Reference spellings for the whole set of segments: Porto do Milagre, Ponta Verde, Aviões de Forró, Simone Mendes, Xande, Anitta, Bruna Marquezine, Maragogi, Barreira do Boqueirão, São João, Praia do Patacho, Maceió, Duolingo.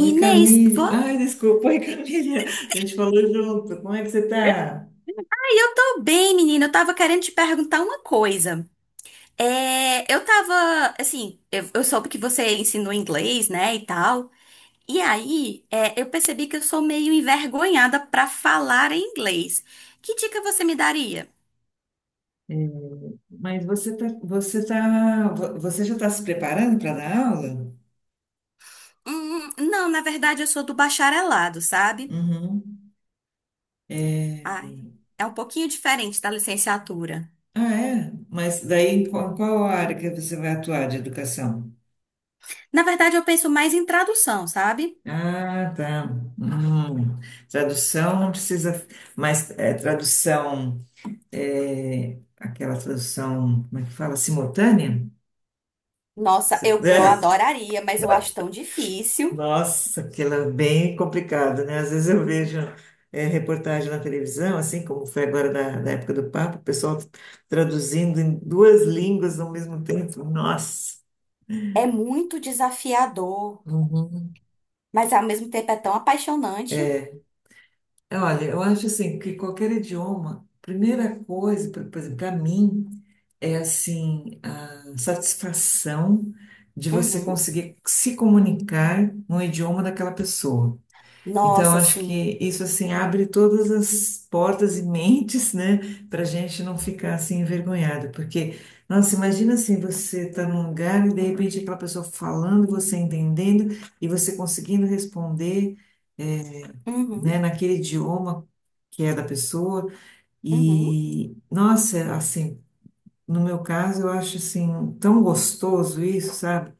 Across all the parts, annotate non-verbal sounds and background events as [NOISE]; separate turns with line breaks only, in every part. Oi, Camille.
vo-
Ai, desculpa, oi, [LAUGHS] Camille. A gente falou junto. Como é que você está?
Ai, eu tô bem, menina. Eu tava querendo te perguntar uma coisa. Eu tava, assim, eu soube que você ensinou inglês, né, e tal. E aí, eu percebi que eu sou meio envergonhada pra falar em inglês. Que dica você me daria?
Mas você já está se preparando para dar aula?
Não, na verdade, eu sou do bacharelado, sabe?
Uhum. É,
Ai, é um pouquinho diferente da licenciatura.
ah, é? Mas daí, em qual área que você vai atuar de educação?
Na verdade, eu penso mais em tradução, sabe?
Ah, tá. Hum. Tradução não precisa, mas é, tradução, é, aquela tradução, como é que fala? Simultânea?
Nossa, eu
[LAUGHS]
adoraria, mas eu acho tão difícil.
Nossa, aquilo é bem complicado, né? Às vezes eu vejo reportagem na televisão, assim como foi agora na época do Papa, o pessoal traduzindo em duas línguas ao mesmo tempo. Nossa!
É muito desafiador,
Uhum.
mas ao mesmo tempo é tão apaixonante.
É, olha, eu acho assim que qualquer idioma, primeira coisa, por exemplo, para mim, é assim a satisfação de você
Uhum.
conseguir se comunicar no idioma daquela pessoa. Então,
Nossa,
acho
sim.
que isso assim abre todas as portas e mentes, né, para a gente não ficar assim envergonhada, porque, nossa, imagina assim, você tá num lugar e de repente aquela pessoa falando, você entendendo e você conseguindo responder, eh, né,
Uhum.
naquele idioma que é da pessoa.
Uhum.
E, nossa, assim, no meu caso, eu acho assim tão gostoso isso, sabe?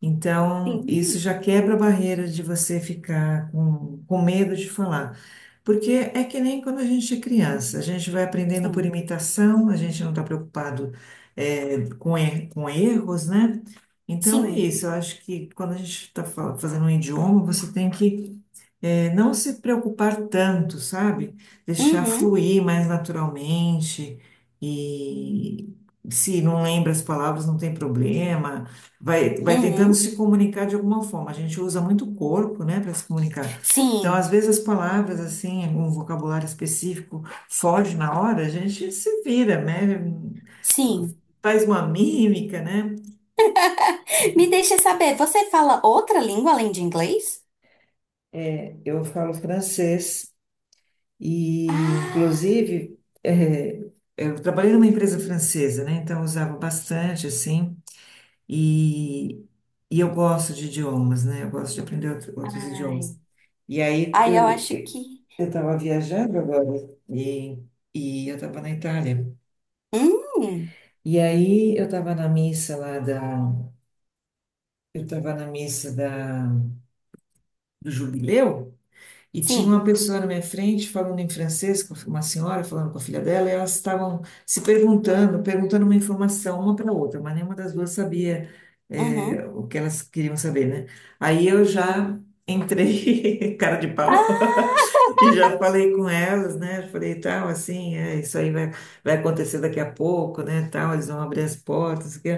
Então, isso
Sim.
já quebra a barreira de você ficar com medo de falar. Porque é que nem quando a gente é criança, a gente vai aprendendo por
Sim.
imitação, a gente não está preocupado, com erros, né? Então, é
Sim.
isso. Eu acho que quando a gente está fazendo um idioma, você tem que, não se preocupar tanto, sabe? Deixar
Uhum.
fluir mais naturalmente e. Se não lembra as palavras, não tem problema vai, vai tentando
Uhum.
se comunicar de alguma forma. A gente usa muito o corpo, né, para se comunicar. Então, às
Sim.
vezes, as palavras, assim, algum vocabulário específico foge na hora, a gente se vira, né?
Sim.
Faz uma mímica, né?
Me deixa saber, você fala outra língua além de inglês?
É, eu falo francês e,
Ah,
inclusive, é, eu trabalhei numa empresa francesa, né? Então, eu usava bastante, assim. E, e eu gosto de idiomas, né? Eu gosto de aprender outros
ai.
idiomas. E aí
Ai, eu
eu
acho que.
eu estava viajando agora e, e eu estava na Itália.
Hum.
E aí eu estava na missa da do jubileu. E tinha uma
Sim.
pessoa na minha frente falando em francês, com uma senhora falando com a filha dela, e elas estavam se perguntando uma informação uma para a outra, mas nenhuma das duas sabia, é,
Uhum.
o que elas queriam saber, né? Aí eu já entrei, [LAUGHS] cara de pau,
Ah,
[LAUGHS] e
[LAUGHS]
já falei com elas, né? Falei, tal, assim, é, isso aí vai, acontecer daqui a pouco, né? Tal, eles vão abrir as portas. Que...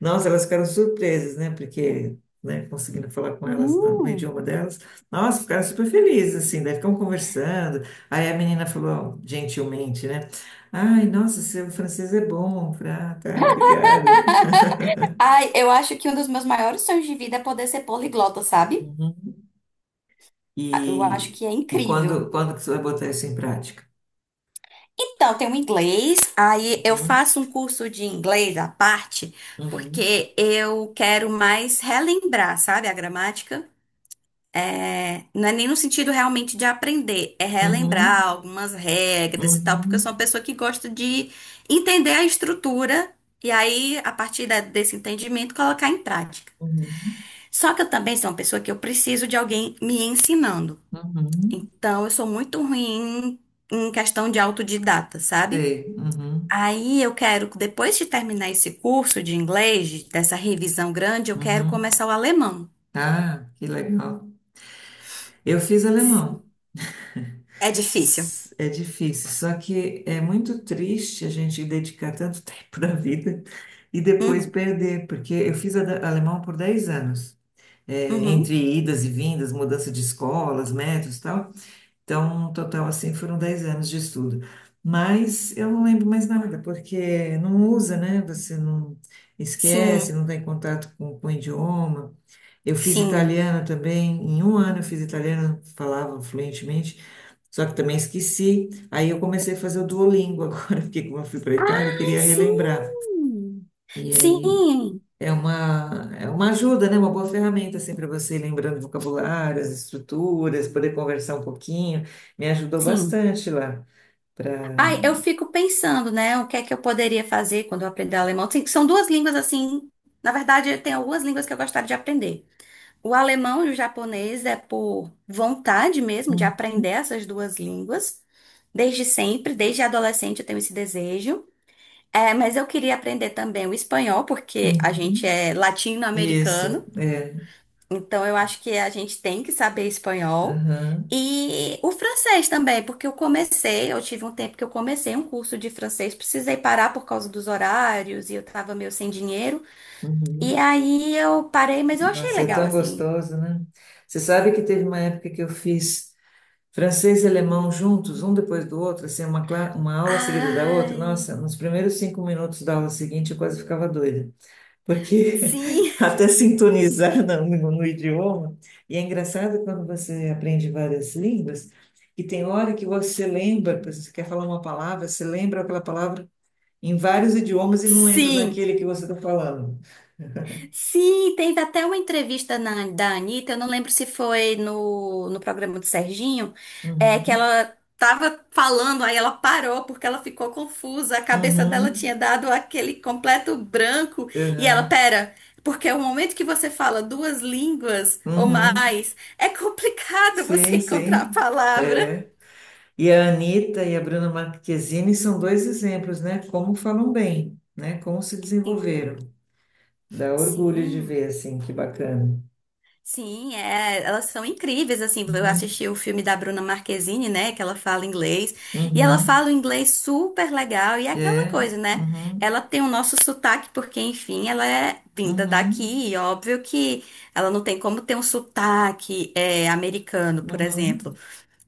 Nossa, elas ficaram surpresas, né? Porque, né, conseguindo falar com elas no
Sim.
idioma delas. Nossa, ficaram super felizes, assim, daí ficam conversando. Aí a menina falou, gentilmente, né? Ai, nossa, seu francês é bom. Eu falei, ah, tá, obrigada. [LAUGHS]
Ai, eu acho que um dos meus maiores sonhos de vida é poder ser poliglota, sabe?
Uhum.
Eu acho
E,
que é
e quando,
incrível.
quando que você vai botar isso em prática?
Então, tem o inglês, aí eu
Uhum,
faço um curso de inglês à parte,
uhum,
porque eu quero mais relembrar, sabe, a gramática. É, não é nem no sentido realmente de aprender, é
uhum,
relembrar algumas regras e tal, porque eu
uhum,
sou uma pessoa que gosta de entender a estrutura e aí, a partir desse entendimento, colocar em prática.
uhum,
Só que eu também sou uma pessoa que eu preciso de alguém me ensinando.
uhum.
Então, eu sou muito ruim em questão de autodidata, sabe?
Sei, uhum,
Aí eu quero, depois de terminar esse curso de inglês, dessa revisão grande, eu quero
uhum.
começar o alemão.
Ah, que legal. Eu fiz alemão.
Sim. É difícil.
S- É difícil, só que é muito triste a gente dedicar tanto [LAUGHS] tempo da vida e depois
Uhum,
perder, porque eu fiz ada- alemão por 10 anos, é,
uhum.
entre idas e vindas, mudança de escolas, métodos e tal. Então, no total, assim, foram 10 anos de estudo. Mas eu não lembro mais nada, porque não usa, né? Você não esquece,
Sim,
não está em contato com o idioma. Eu fiz
sim.
italiano também, em um ano eu fiz italiano, falava fluentemente. Só que também esqueci. Aí eu comecei a fazer o Duolingo [LAUGHS] agora, porque como eu fui para a Itália, eu queria relembrar.
Sim.
E aí
Sim,
é uma ajuda, né? Uma boa ferramenta assim para você ir lembrando vocabulários, estruturas, poder conversar um pouquinho. Me ajudou
sim.
bastante lá
Ai, eu
para
fico pensando, né, o que é que eu poderia fazer quando eu aprender alemão. Sim, são duas línguas assim, na verdade, tem algumas línguas que eu gostaria de aprender. O alemão e o japonês é por vontade mesmo de aprender essas duas línguas. Desde sempre, desde adolescente eu tenho esse desejo. É, mas eu queria aprender também o espanhol, porque a gente é
isso,
latino-americano,
é.
então eu acho que a gente tem que saber espanhol.
Aham,
E o francês também, porque eu comecei, eu tive um tempo que eu comecei um curso de francês, precisei parar por causa dos horários e eu tava meio sem dinheiro. E
uhum.
aí eu parei, mas eu achei
Nossa, e é
legal
tão
assim.
gostoso, né? Você sabe que teve uma época que eu fiz. Francês e alemão juntos, um depois do outro, assim, uma aula seguida da outra. Nossa,
Ai.
nos primeiros 5 minutos da aula seguinte eu quase ficava doida, porque
Sim,
[LAUGHS] até sintonizar no idioma. E é engraçado quando você aprende várias línguas, que tem hora que você lembra, por exemplo, você quer falar uma palavra, você lembra aquela palavra em vários idiomas e não lembra
sim,
naquele que você está falando.
sim. Teve até uma entrevista da Anitta, eu não lembro se foi no programa do Serginho, que
Uhum,
ela tava falando, aí ela parou porque ela ficou confusa, a cabeça dela tinha
uhum,
dado aquele completo branco, e ela,
uhum,
pera, porque o momento que você fala duas línguas ou
uhum.
mais, é complicado [LAUGHS] você
Sim,
encontrar a
sim.
palavra.
É. E a Anitta e a Bruna Marquezine são dois exemplos, né? Como falam bem, né? Como se
Sim,
desenvolveram. Dá orgulho de
sim.
ver, assim, que bacana.
Sim, elas são incríveis, assim, eu
Uhum,
assisti o filme da Bruna Marquezine, né, que ela fala inglês, e ela
uhum,
fala o inglês super legal, e é aquela
é,
coisa, né,
uhum,
ela tem o nosso sotaque, porque, enfim, ela é vinda
uhum,
daqui, e óbvio que ela não tem como ter um sotaque americano, por
uhum.
exemplo,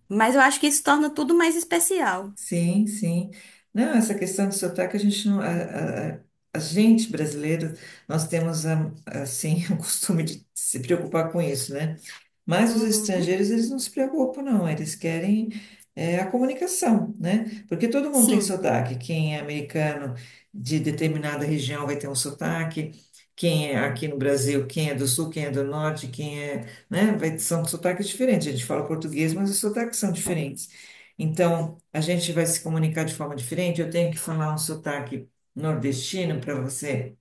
mas eu acho que isso torna tudo mais especial.
Sim, sim. Não, essa questão do sotaque, a gente não... A gente brasileiro, nós temos, assim, [LAUGHS] o costume de se preocupar com isso, né? Mas os
Uhum,
estrangeiros, eles não se preocupam, não. Eles querem é, a comunicação, né? Porque todo mundo tem
sim.
sotaque. Quem é americano de determinada região vai ter um sotaque. Quem é aqui no Brasil, quem é do sul, quem é do norte, quem é, né? Vai, são sotaques diferentes. A gente fala português, mas os sotaques são diferentes. Então, a gente vai se comunicar de forma diferente. Eu tenho que falar um sotaque nordestino para você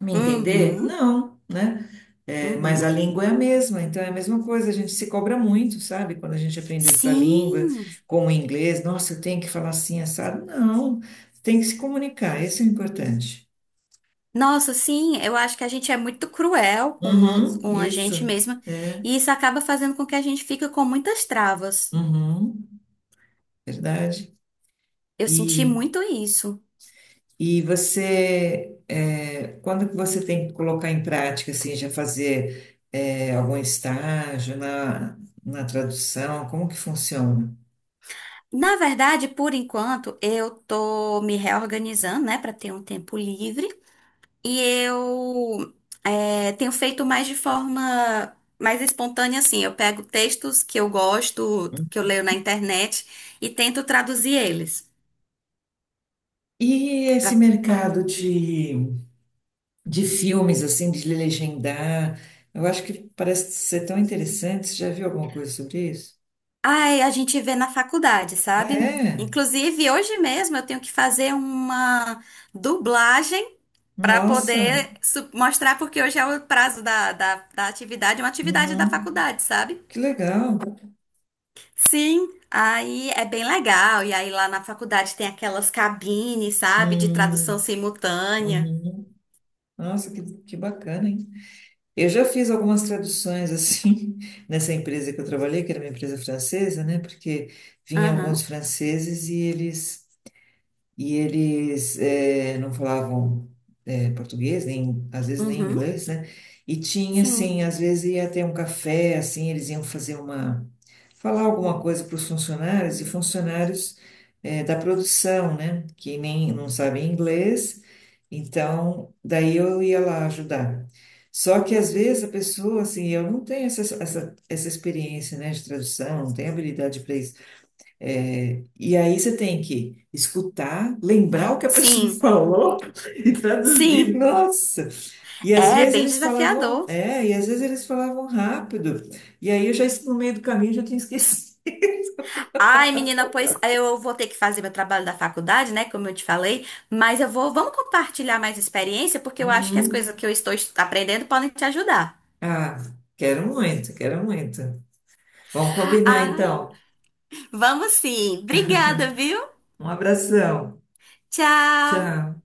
me entender?
Uhum,
Não, né? É, mas a
uhum.
língua é a mesma, então é a mesma coisa, a gente se cobra muito, sabe? Quando a gente aprende outra língua,
Sim.
como o inglês, nossa, eu tenho que falar assim, assado. Não, tem que se comunicar, isso é importante.
Nossa, sim, eu acho que a gente é muito cruel com nós,
Uhum,
com a
isso,
gente mesma,
é,
e isso acaba fazendo com que a gente fique com muitas travas.
uhum, verdade.
Eu senti
E,
muito isso.
e você, é, quando que você tem que colocar em prática, assim, já fazer, é, algum estágio na tradução, como que funciona?
Na verdade, por enquanto, eu tô me reorganizando, né, para ter um tempo livre, e eu tenho feito mais de forma mais espontânea, assim. Eu pego textos que eu gosto, que eu leio na internet, e tento traduzir eles.
E esse mercado de filmes, assim, de legendar, eu acho que parece ser tão interessante. Você já viu alguma coisa sobre isso?
Ai, a gente vê na faculdade,
Ah,
sabe?
é?
Inclusive, hoje mesmo eu tenho que fazer uma dublagem para
Nossa!
poder mostrar, porque hoje é o prazo da atividade, uma atividade da
Uhum.
faculdade, sabe?
Que legal!
Sim, aí é bem legal. E aí lá na faculdade tem aquelas cabines, sabe? De tradução
Hum,
simultânea.
uhum. Nossa, que bacana, hein? Eu já fiz algumas traduções, assim, [LAUGHS] nessa empresa que eu trabalhei, que era uma empresa francesa, né? Porque vinham alguns
Aham,
franceses e eles E eles não falavam português, nem, às vezes nem
uhum,
inglês, né? E tinha,
sim.
assim, às vezes ia ter um café, assim, eles iam fazer uma... falar alguma coisa para os funcionários, e funcionários da produção, né? Que nem não sabem inglês, então daí eu ia lá ajudar. Só que às vezes a pessoa, assim, eu não tenho essa experiência, né, de tradução, não tenho habilidade para isso. É, e aí você tem que escutar, lembrar o que a pessoa [LAUGHS]
Sim,
falou e traduzir.
sim.
Nossa! E às
É
vezes
bem
eles falavam,
desafiador.
é, e às vezes eles falavam rápido. E aí eu já, no meio do caminho, já tinha [LAUGHS] esquecido.
Ai, menina, pois eu vou ter que fazer meu trabalho da faculdade, né? Como eu te falei, mas eu vou, vamos compartilhar mais experiência, porque eu acho que as coisas
Uhum.
que eu estou aprendendo podem te ajudar.
Ah, quero muito, quero muito. Vamos combinar
Ai,
então.
vamos sim. Obrigada, viu?
Um abração.
Tchau.
Tchau.